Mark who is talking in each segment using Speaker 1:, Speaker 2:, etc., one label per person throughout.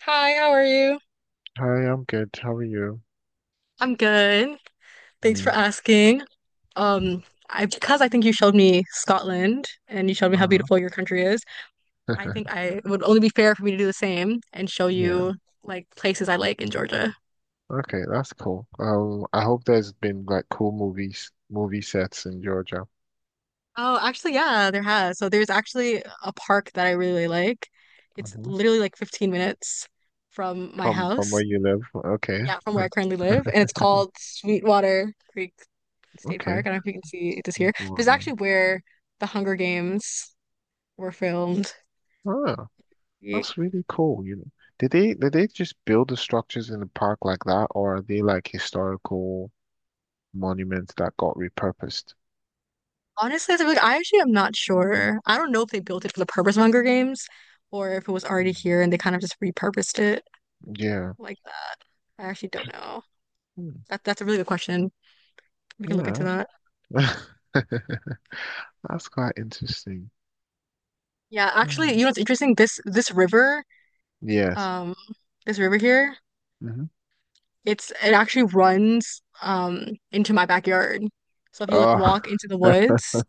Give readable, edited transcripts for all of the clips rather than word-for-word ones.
Speaker 1: Hi, how are you?
Speaker 2: Hi, I'm good. How are you?
Speaker 1: I'm good. Thanks for
Speaker 2: Yeah.
Speaker 1: asking. Um, I because I think you showed me Scotland and you showed me how
Speaker 2: Uh-huh.
Speaker 1: beautiful your country is, I think I it would only be fair for me to do the same and show
Speaker 2: Yeah.
Speaker 1: you like places I like in Georgia.
Speaker 2: Okay, that's cool. I hope there's been like cool movie sets in Georgia.
Speaker 1: Oh, actually, yeah, there has. So there's actually a park that I really like. It's
Speaker 2: Hmm.
Speaker 1: literally like 15 minutes from my
Speaker 2: From where
Speaker 1: house.
Speaker 2: you live. Okay.
Speaker 1: Yeah, from where I currently live, and it's called Sweetwater Creek State
Speaker 2: Okay.
Speaker 1: Park. I don't know if you can see this here. This
Speaker 2: Well
Speaker 1: is actually
Speaker 2: then.
Speaker 1: where the Hunger Games were filmed.
Speaker 2: Oh,
Speaker 1: Yeah.
Speaker 2: that's really cool, you know. Did they just build the structures in the park like that, or are they like historical monuments that got repurposed?
Speaker 1: Honestly, to I actually am not sure. I don't know if they built it for the purpose of Hunger Games or if it was already
Speaker 2: Hmm.
Speaker 1: here and they kind of just repurposed it
Speaker 2: Yeah.
Speaker 1: like that. I actually don't know.
Speaker 2: Hmm.
Speaker 1: That's a really good question. We can look into
Speaker 2: Yeah.
Speaker 1: that.
Speaker 2: That's quite interesting.
Speaker 1: Yeah, actually, you
Speaker 2: Hmm.
Speaker 1: know what's interesting? This river,
Speaker 2: Yes.
Speaker 1: um, this river here,
Speaker 2: Mm-hmm.
Speaker 1: it actually runs into my backyard. So if you like
Speaker 2: Oh,
Speaker 1: walk into the woods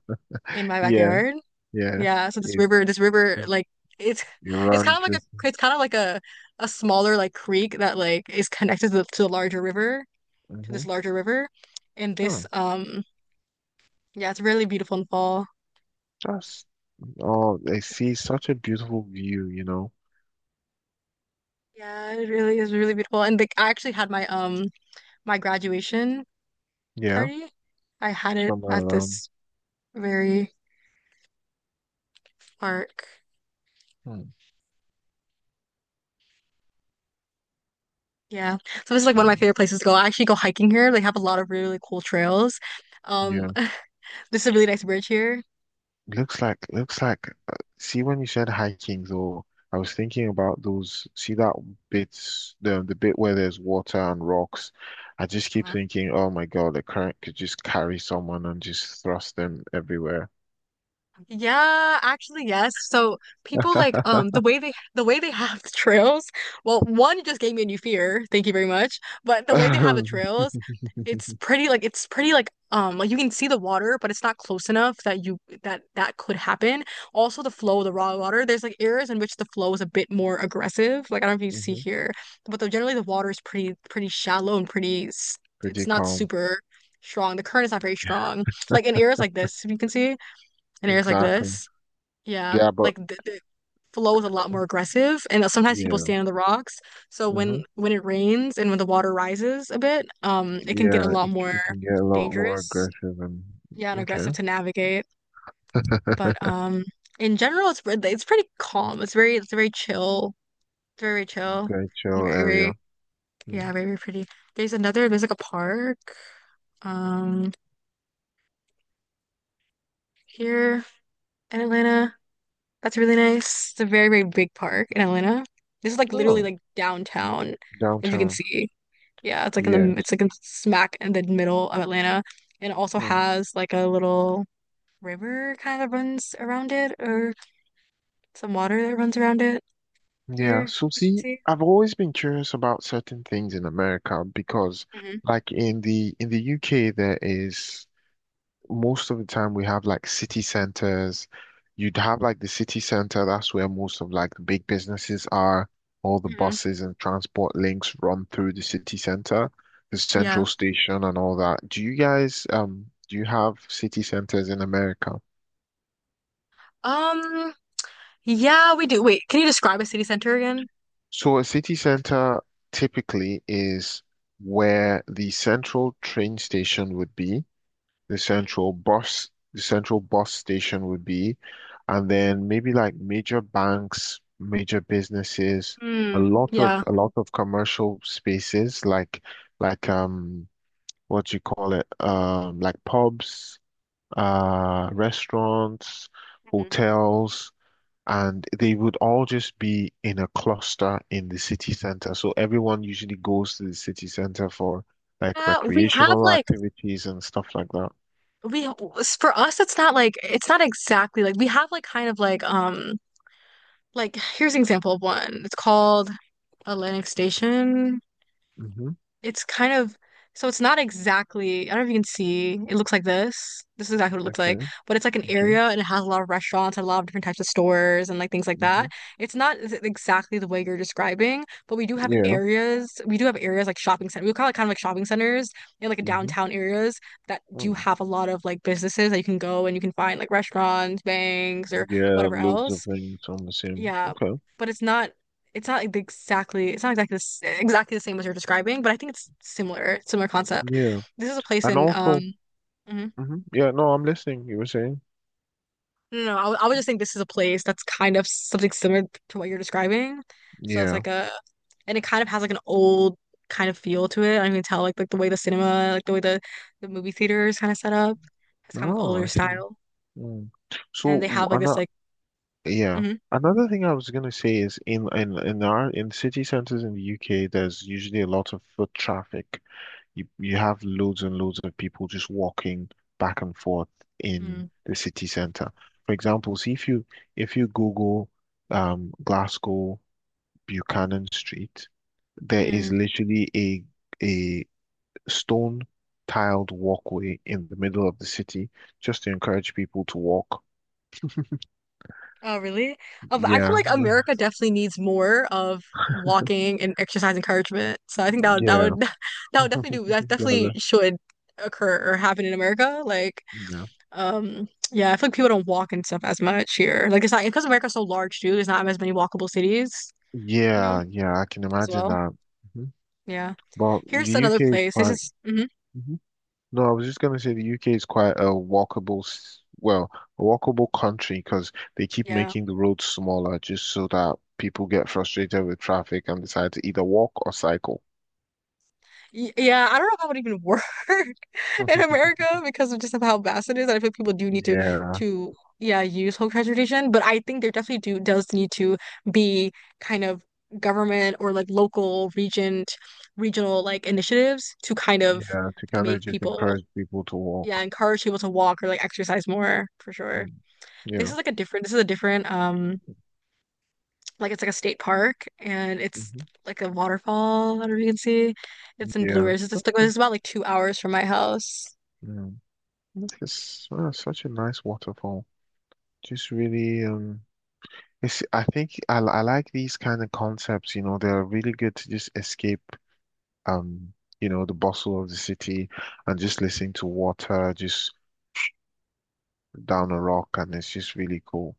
Speaker 1: in my
Speaker 2: yeah,
Speaker 1: backyard,
Speaker 2: yes.
Speaker 1: yeah, so
Speaker 2: It,
Speaker 1: this river,
Speaker 2: it
Speaker 1: like it's
Speaker 2: it
Speaker 1: it's kind
Speaker 2: runs
Speaker 1: of like a
Speaker 2: it.
Speaker 1: it's kind of like a smaller like creek that like is connected to the larger river, to
Speaker 2: Hmm.
Speaker 1: this larger river. And this
Speaker 2: Oh,
Speaker 1: yeah, it's really beautiful in the fall.
Speaker 2: that's, oh, I see such a beautiful view, you know.
Speaker 1: Yeah, it really is really beautiful. And like I actually had my my graduation
Speaker 2: Yeah,
Speaker 1: party. I had it
Speaker 2: somewhere
Speaker 1: at
Speaker 2: around.
Speaker 1: this very park.
Speaker 2: Hmm.
Speaker 1: Yeah. So this is like one of my
Speaker 2: See,
Speaker 1: favorite places to go. I actually go hiking here. They have a lot of really really cool trails. Um
Speaker 2: yeah.
Speaker 1: this is a really nice bridge here.
Speaker 2: Looks like, see, when you said hiking, though, I was thinking about those, see that bits, the bit where there's water and rocks. I just keep thinking, oh my God, the current could just carry someone and just thrust them everywhere.
Speaker 1: Yeah, actually, yes. So people like the way they have the trails. Well, one it just gave me a new fear. Thank you very much. But the way they have the trails,
Speaker 2: Mhm.
Speaker 1: it's pretty like you can see the water, but it's not close enough that you that could happen. Also, the flow of the raw water. There's like areas in which the flow is a bit more aggressive. Like I don't know if you see here, but generally the water is pretty pretty shallow and pretty. It's
Speaker 2: Pretty
Speaker 1: not
Speaker 2: calm.
Speaker 1: super strong. The current is not very strong. Like in areas like this, if you can see and ears like
Speaker 2: Exactly.
Speaker 1: this. Yeah,
Speaker 2: Yeah, but
Speaker 1: like the flow is a lot more aggressive, and sometimes people
Speaker 2: yeah.
Speaker 1: stand on the rocks. So
Speaker 2: Hmm.
Speaker 1: when it rains and when the water rises a bit, it can get a
Speaker 2: Yeah,
Speaker 1: lot more
Speaker 2: it can get a lot more
Speaker 1: dangerous.
Speaker 2: aggressive and
Speaker 1: Yeah, and
Speaker 2: okay.
Speaker 1: aggressive to navigate. But in general, it's pretty calm. It's very chill. It's very very chill
Speaker 2: Very
Speaker 1: and
Speaker 2: chill
Speaker 1: very
Speaker 2: area.
Speaker 1: very
Speaker 2: Mm.
Speaker 1: yeah very very pretty. There's like a park um here in Atlanta. That's really nice. It's a very, very big park in Atlanta. This is like literally
Speaker 2: No,
Speaker 1: like downtown, if you can
Speaker 2: downtown.
Speaker 1: see. Yeah,
Speaker 2: Yes.
Speaker 1: it's like in smack in the middle of Atlanta, and it also
Speaker 2: Mm.
Speaker 1: has like a little river kind of runs around it, or some water that runs around it.
Speaker 2: Yeah.
Speaker 1: Here,
Speaker 2: So
Speaker 1: you can
Speaker 2: see,
Speaker 1: see.
Speaker 2: I've always been curious about certain things in America because
Speaker 1: hmm
Speaker 2: like in the UK there is most of the time we have like city centers. You'd have like the city center, that's where most of like the big businesses are. All the
Speaker 1: hmm
Speaker 2: buses and transport links run through the city center, the
Speaker 1: Yeah.
Speaker 2: central station and all that. Do you guys do you have city centers in America?
Speaker 1: Um. Yeah, we do. Wait, can you describe a city center again?
Speaker 2: So a city center typically is where the central train station would be. The
Speaker 1: hmm
Speaker 2: central bus, the central bus station would be, and then maybe like major banks, major businesses, a
Speaker 1: Mm,
Speaker 2: lot
Speaker 1: yeah.
Speaker 2: of commercial spaces like like um what do you call it? Like pubs, restaurants,
Speaker 1: Mhm.
Speaker 2: hotels. And they would all just be in a cluster in the city center. So everyone usually goes to the city center for like
Speaker 1: Yeah, we have
Speaker 2: recreational
Speaker 1: like.
Speaker 2: activities and stuff like that.
Speaker 1: We For us it's not like it's not exactly like we have like kind of like here's an example of one. It's called Atlantic Station.
Speaker 2: Mhm.
Speaker 1: It's kind of so it's not exactly, I don't know if you can see. It looks like this. This is exactly what it looks
Speaker 2: Okay,
Speaker 1: like. But it's like an
Speaker 2: okay.
Speaker 1: area and it has a lot of restaurants and a lot of different types of stores and like things like
Speaker 2: Hmm.
Speaker 1: that. It's not exactly the way you're describing, but we do have
Speaker 2: Yeah.
Speaker 1: areas. We do have areas like shopping center. We call it kind of like shopping centers in like
Speaker 2: Hmm.
Speaker 1: downtown areas that do
Speaker 2: Oh.
Speaker 1: have a lot of like businesses that you can go and you can find like restaurants, banks, or
Speaker 2: Yeah,
Speaker 1: whatever
Speaker 2: loads of
Speaker 1: else.
Speaker 2: things on the same.
Speaker 1: Yeah,
Speaker 2: Okay.
Speaker 1: but it's not like the- exactly it's not exactly exactly the same as you're describing, but I think it's similar, similar concept.
Speaker 2: Yeah.
Speaker 1: This is a place
Speaker 2: And
Speaker 1: in
Speaker 2: also,
Speaker 1: mhm.
Speaker 2: hmm. Yeah, no, I'm listening. You were saying?
Speaker 1: No, no, I wa- I would just think this is a place that's kind of something similar to what you're describing. So it's
Speaker 2: Yeah.
Speaker 1: like a and it kind of has like an old kind of feel to it. I can tell like the way the cinema, like the way the movie theater is kind of set up. It's kind of like
Speaker 2: Oh,
Speaker 1: older
Speaker 2: I see.
Speaker 1: style,
Speaker 2: Mm.
Speaker 1: and they
Speaker 2: So,
Speaker 1: have like this
Speaker 2: another,
Speaker 1: like
Speaker 2: yeah.
Speaker 1: mm-hmm,
Speaker 2: Another thing I was gonna say is in our in city centers in the UK, there's usually a lot of foot traffic. You have loads and loads of people just walking back and forth in
Speaker 1: mm-hmm.
Speaker 2: the city center. For example, see if you Google Glasgow Buchanan Street, there
Speaker 1: Mm-hmm.
Speaker 2: is literally a stone tiled walkway in the middle of the city just to encourage people to walk.
Speaker 1: Oh, really? Oh, but I feel
Speaker 2: Yeah,
Speaker 1: like America definitely needs more of walking and exercise encouragement. So I think that
Speaker 2: yeah,
Speaker 1: would that would definitely do that definitely
Speaker 2: gather.
Speaker 1: should occur or happen in America. Like,
Speaker 2: Yeah,
Speaker 1: yeah, I feel like people don't walk and stuff as much here. Like it's not because America's so large too, there's not as many walkable cities, you know,
Speaker 2: yeah. I can
Speaker 1: as
Speaker 2: imagine
Speaker 1: well.
Speaker 2: that. Mhm.
Speaker 1: Yeah.
Speaker 2: But the
Speaker 1: Here's another
Speaker 2: UK is
Speaker 1: place. This
Speaker 2: quite.
Speaker 1: is mhm,
Speaker 2: No, I was just going to say the UK is quite a walkable, well, a walkable country because they keep
Speaker 1: yeah.
Speaker 2: making the roads smaller just so that people get frustrated with traffic and decide to either walk or cycle.
Speaker 1: Y Yeah, I don't know if that would even work. in America because of just of how vast it is. And I think people do need
Speaker 2: Yeah,
Speaker 1: to yeah use public transportation, but I think there definitely do does need to be kind of government or like local region regional like initiatives to kind of
Speaker 2: yeah, to kind
Speaker 1: make
Speaker 2: of just
Speaker 1: people
Speaker 2: encourage people to
Speaker 1: yeah
Speaker 2: walk.
Speaker 1: encourage people to walk or like exercise more for sure.
Speaker 2: Mm.
Speaker 1: This
Speaker 2: Yeah,
Speaker 1: is like a different this is a different like it's like a state park and it's
Speaker 2: hmm,
Speaker 1: like a waterfall. I don't know if you can see. It's in Blue
Speaker 2: yeah.
Speaker 1: Ridge. It's just like
Speaker 2: Okay.
Speaker 1: it's about like 2 hours from my house.
Speaker 2: Mm. It's such a nice waterfall. Just really, it's, I think I like these kind of concepts, you know, they're really good to just escape um, you know, the bustle of the city and just listening to water just down a rock and it's just really cool.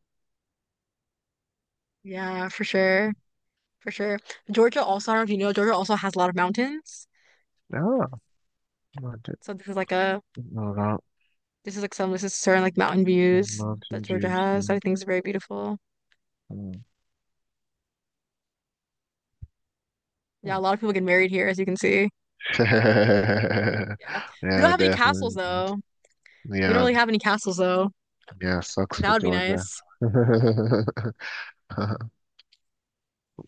Speaker 1: Yeah, for sure. For sure. Georgia also, I don't know if you know, Georgia also has a lot of mountains.
Speaker 2: Ah, I didn't
Speaker 1: So
Speaker 2: know that.
Speaker 1: this is like some this is certain like mountain views
Speaker 2: Some
Speaker 1: that
Speaker 2: mountain
Speaker 1: Georgia
Speaker 2: views,
Speaker 1: has.
Speaker 2: yeah.
Speaker 1: That I think is very beautiful.
Speaker 2: Hmm. Hmm.
Speaker 1: Yeah, a lot of people get married here, as you can see. Yeah. We don't
Speaker 2: Yeah,
Speaker 1: have any castles
Speaker 2: definitely.
Speaker 1: though. We don't
Speaker 2: Yeah,
Speaker 1: really have any castles though.
Speaker 2: yeah, sucks
Speaker 1: That
Speaker 2: for
Speaker 1: would be
Speaker 2: Georgia.
Speaker 1: nice.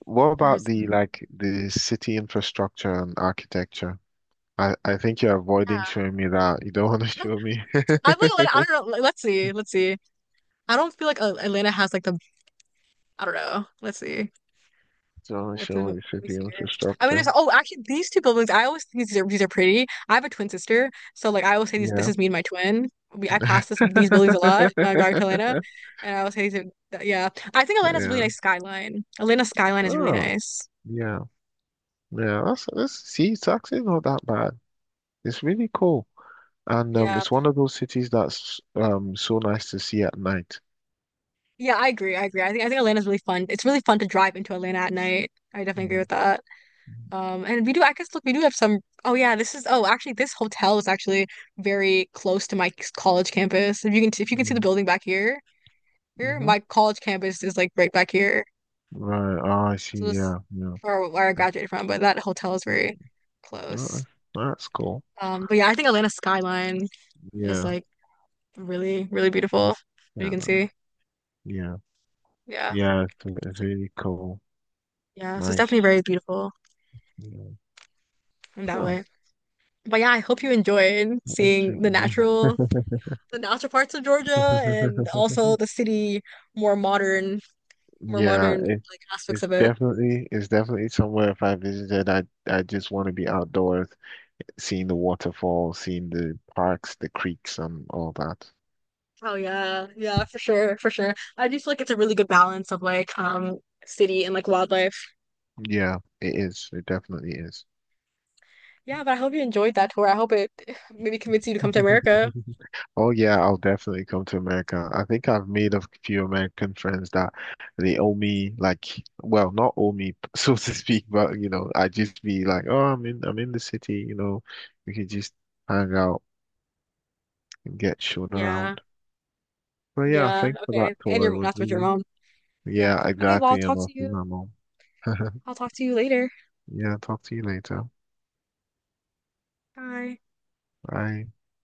Speaker 2: What about
Speaker 1: Here's mm,
Speaker 2: the city infrastructure and architecture? I think you're avoiding
Speaker 1: yeah.
Speaker 2: showing me that. You don't want to
Speaker 1: No,
Speaker 2: show me.
Speaker 1: I feel like Atlanta, I don't know. Like, let's see. Let's see. I don't feel like Atlanta has like the I don't know. Let's see.
Speaker 2: Don't want to show
Speaker 1: Let
Speaker 2: me
Speaker 1: me
Speaker 2: city
Speaker 1: see here. I mean,
Speaker 2: infrastructure.
Speaker 1: there's oh, actually, these two buildings. I always think these are pretty. I have a twin sister, so like I always say these. This
Speaker 2: Yeah.
Speaker 1: is me and my twin. We I pass this these buildings a lot when I drive to Atlanta, and I always say these. Are, yeah, I think Atlanta's a really
Speaker 2: Yeah.
Speaker 1: nice skyline. Atlanta's skyline is really
Speaker 2: Oh,
Speaker 1: nice.
Speaker 2: yeah. Yeah. That's, see, it's actually not that bad. It's really cool. And
Speaker 1: Yeah,
Speaker 2: it's one of those cities that's so nice to see at night.
Speaker 1: yeah, I agree. I agree. I think Atlanta's really fun. It's really fun to drive into Atlanta at night. I definitely agree
Speaker 2: Mm.
Speaker 1: with that. And we do. I guess look, we do have some. Oh yeah, this is. Oh, actually, this hotel is actually very close to my college campus. If you can see
Speaker 2: Yeah.
Speaker 1: the building back here. Here,
Speaker 2: Mm-hmm.
Speaker 1: my college campus is like right back here.
Speaker 2: Right. Oh, I see.
Speaker 1: So this
Speaker 2: Yeah. Yeah.
Speaker 1: for where I graduated from, but that hotel is very
Speaker 2: Uh,
Speaker 1: close.
Speaker 2: that's cool.
Speaker 1: But yeah, I think Atlanta skyline is
Speaker 2: Yeah.
Speaker 1: like really, really beautiful. You
Speaker 2: Yeah.
Speaker 1: can
Speaker 2: Right.
Speaker 1: see.
Speaker 2: Yeah.
Speaker 1: Yeah.
Speaker 2: Yeah. It's, it's
Speaker 1: So-
Speaker 2: really cool.
Speaker 1: Yeah, so it's
Speaker 2: Nice.
Speaker 1: definitely very beautiful
Speaker 2: Yeah.
Speaker 1: in that
Speaker 2: Huh,
Speaker 1: way. But yeah, I hope you enjoyed
Speaker 2: it's,
Speaker 1: seeing
Speaker 2: yeah.
Speaker 1: the natural parts of Georgia and also the city more modern, more
Speaker 2: Yeah,
Speaker 1: modern like aspects
Speaker 2: it's
Speaker 1: of it.
Speaker 2: definitely somewhere if I visited, I just want to be outdoors, seeing the waterfalls, seeing the parks, the creeks, and all that.
Speaker 1: Oh yeah, yeah, for sure, for sure. I do feel like it's a really good balance of like city and like wildlife.
Speaker 2: Yeah, it is. It definitely is.
Speaker 1: Yeah, but I hope you enjoyed that tour. I hope it maybe convinced you to come to America.
Speaker 2: Oh yeah, I'll definitely come to America. I think I've made a few American friends that they owe me like, well, not owe me so to speak, but you know, I just be like, oh, I'm in the city, you know, we could just hang out and get shown
Speaker 1: Yeah,
Speaker 2: around. But yeah,
Speaker 1: yeah,
Speaker 2: thanks for that
Speaker 1: okay. And
Speaker 2: tour. It
Speaker 1: your
Speaker 2: was
Speaker 1: that's with your
Speaker 2: really,
Speaker 1: mom. Yeah.
Speaker 2: yeah,
Speaker 1: Okay, well,
Speaker 2: exactly. You're not my mom.
Speaker 1: I'll talk to you later.
Speaker 2: Yeah, talk to you later.
Speaker 1: Bye.
Speaker 2: Bye.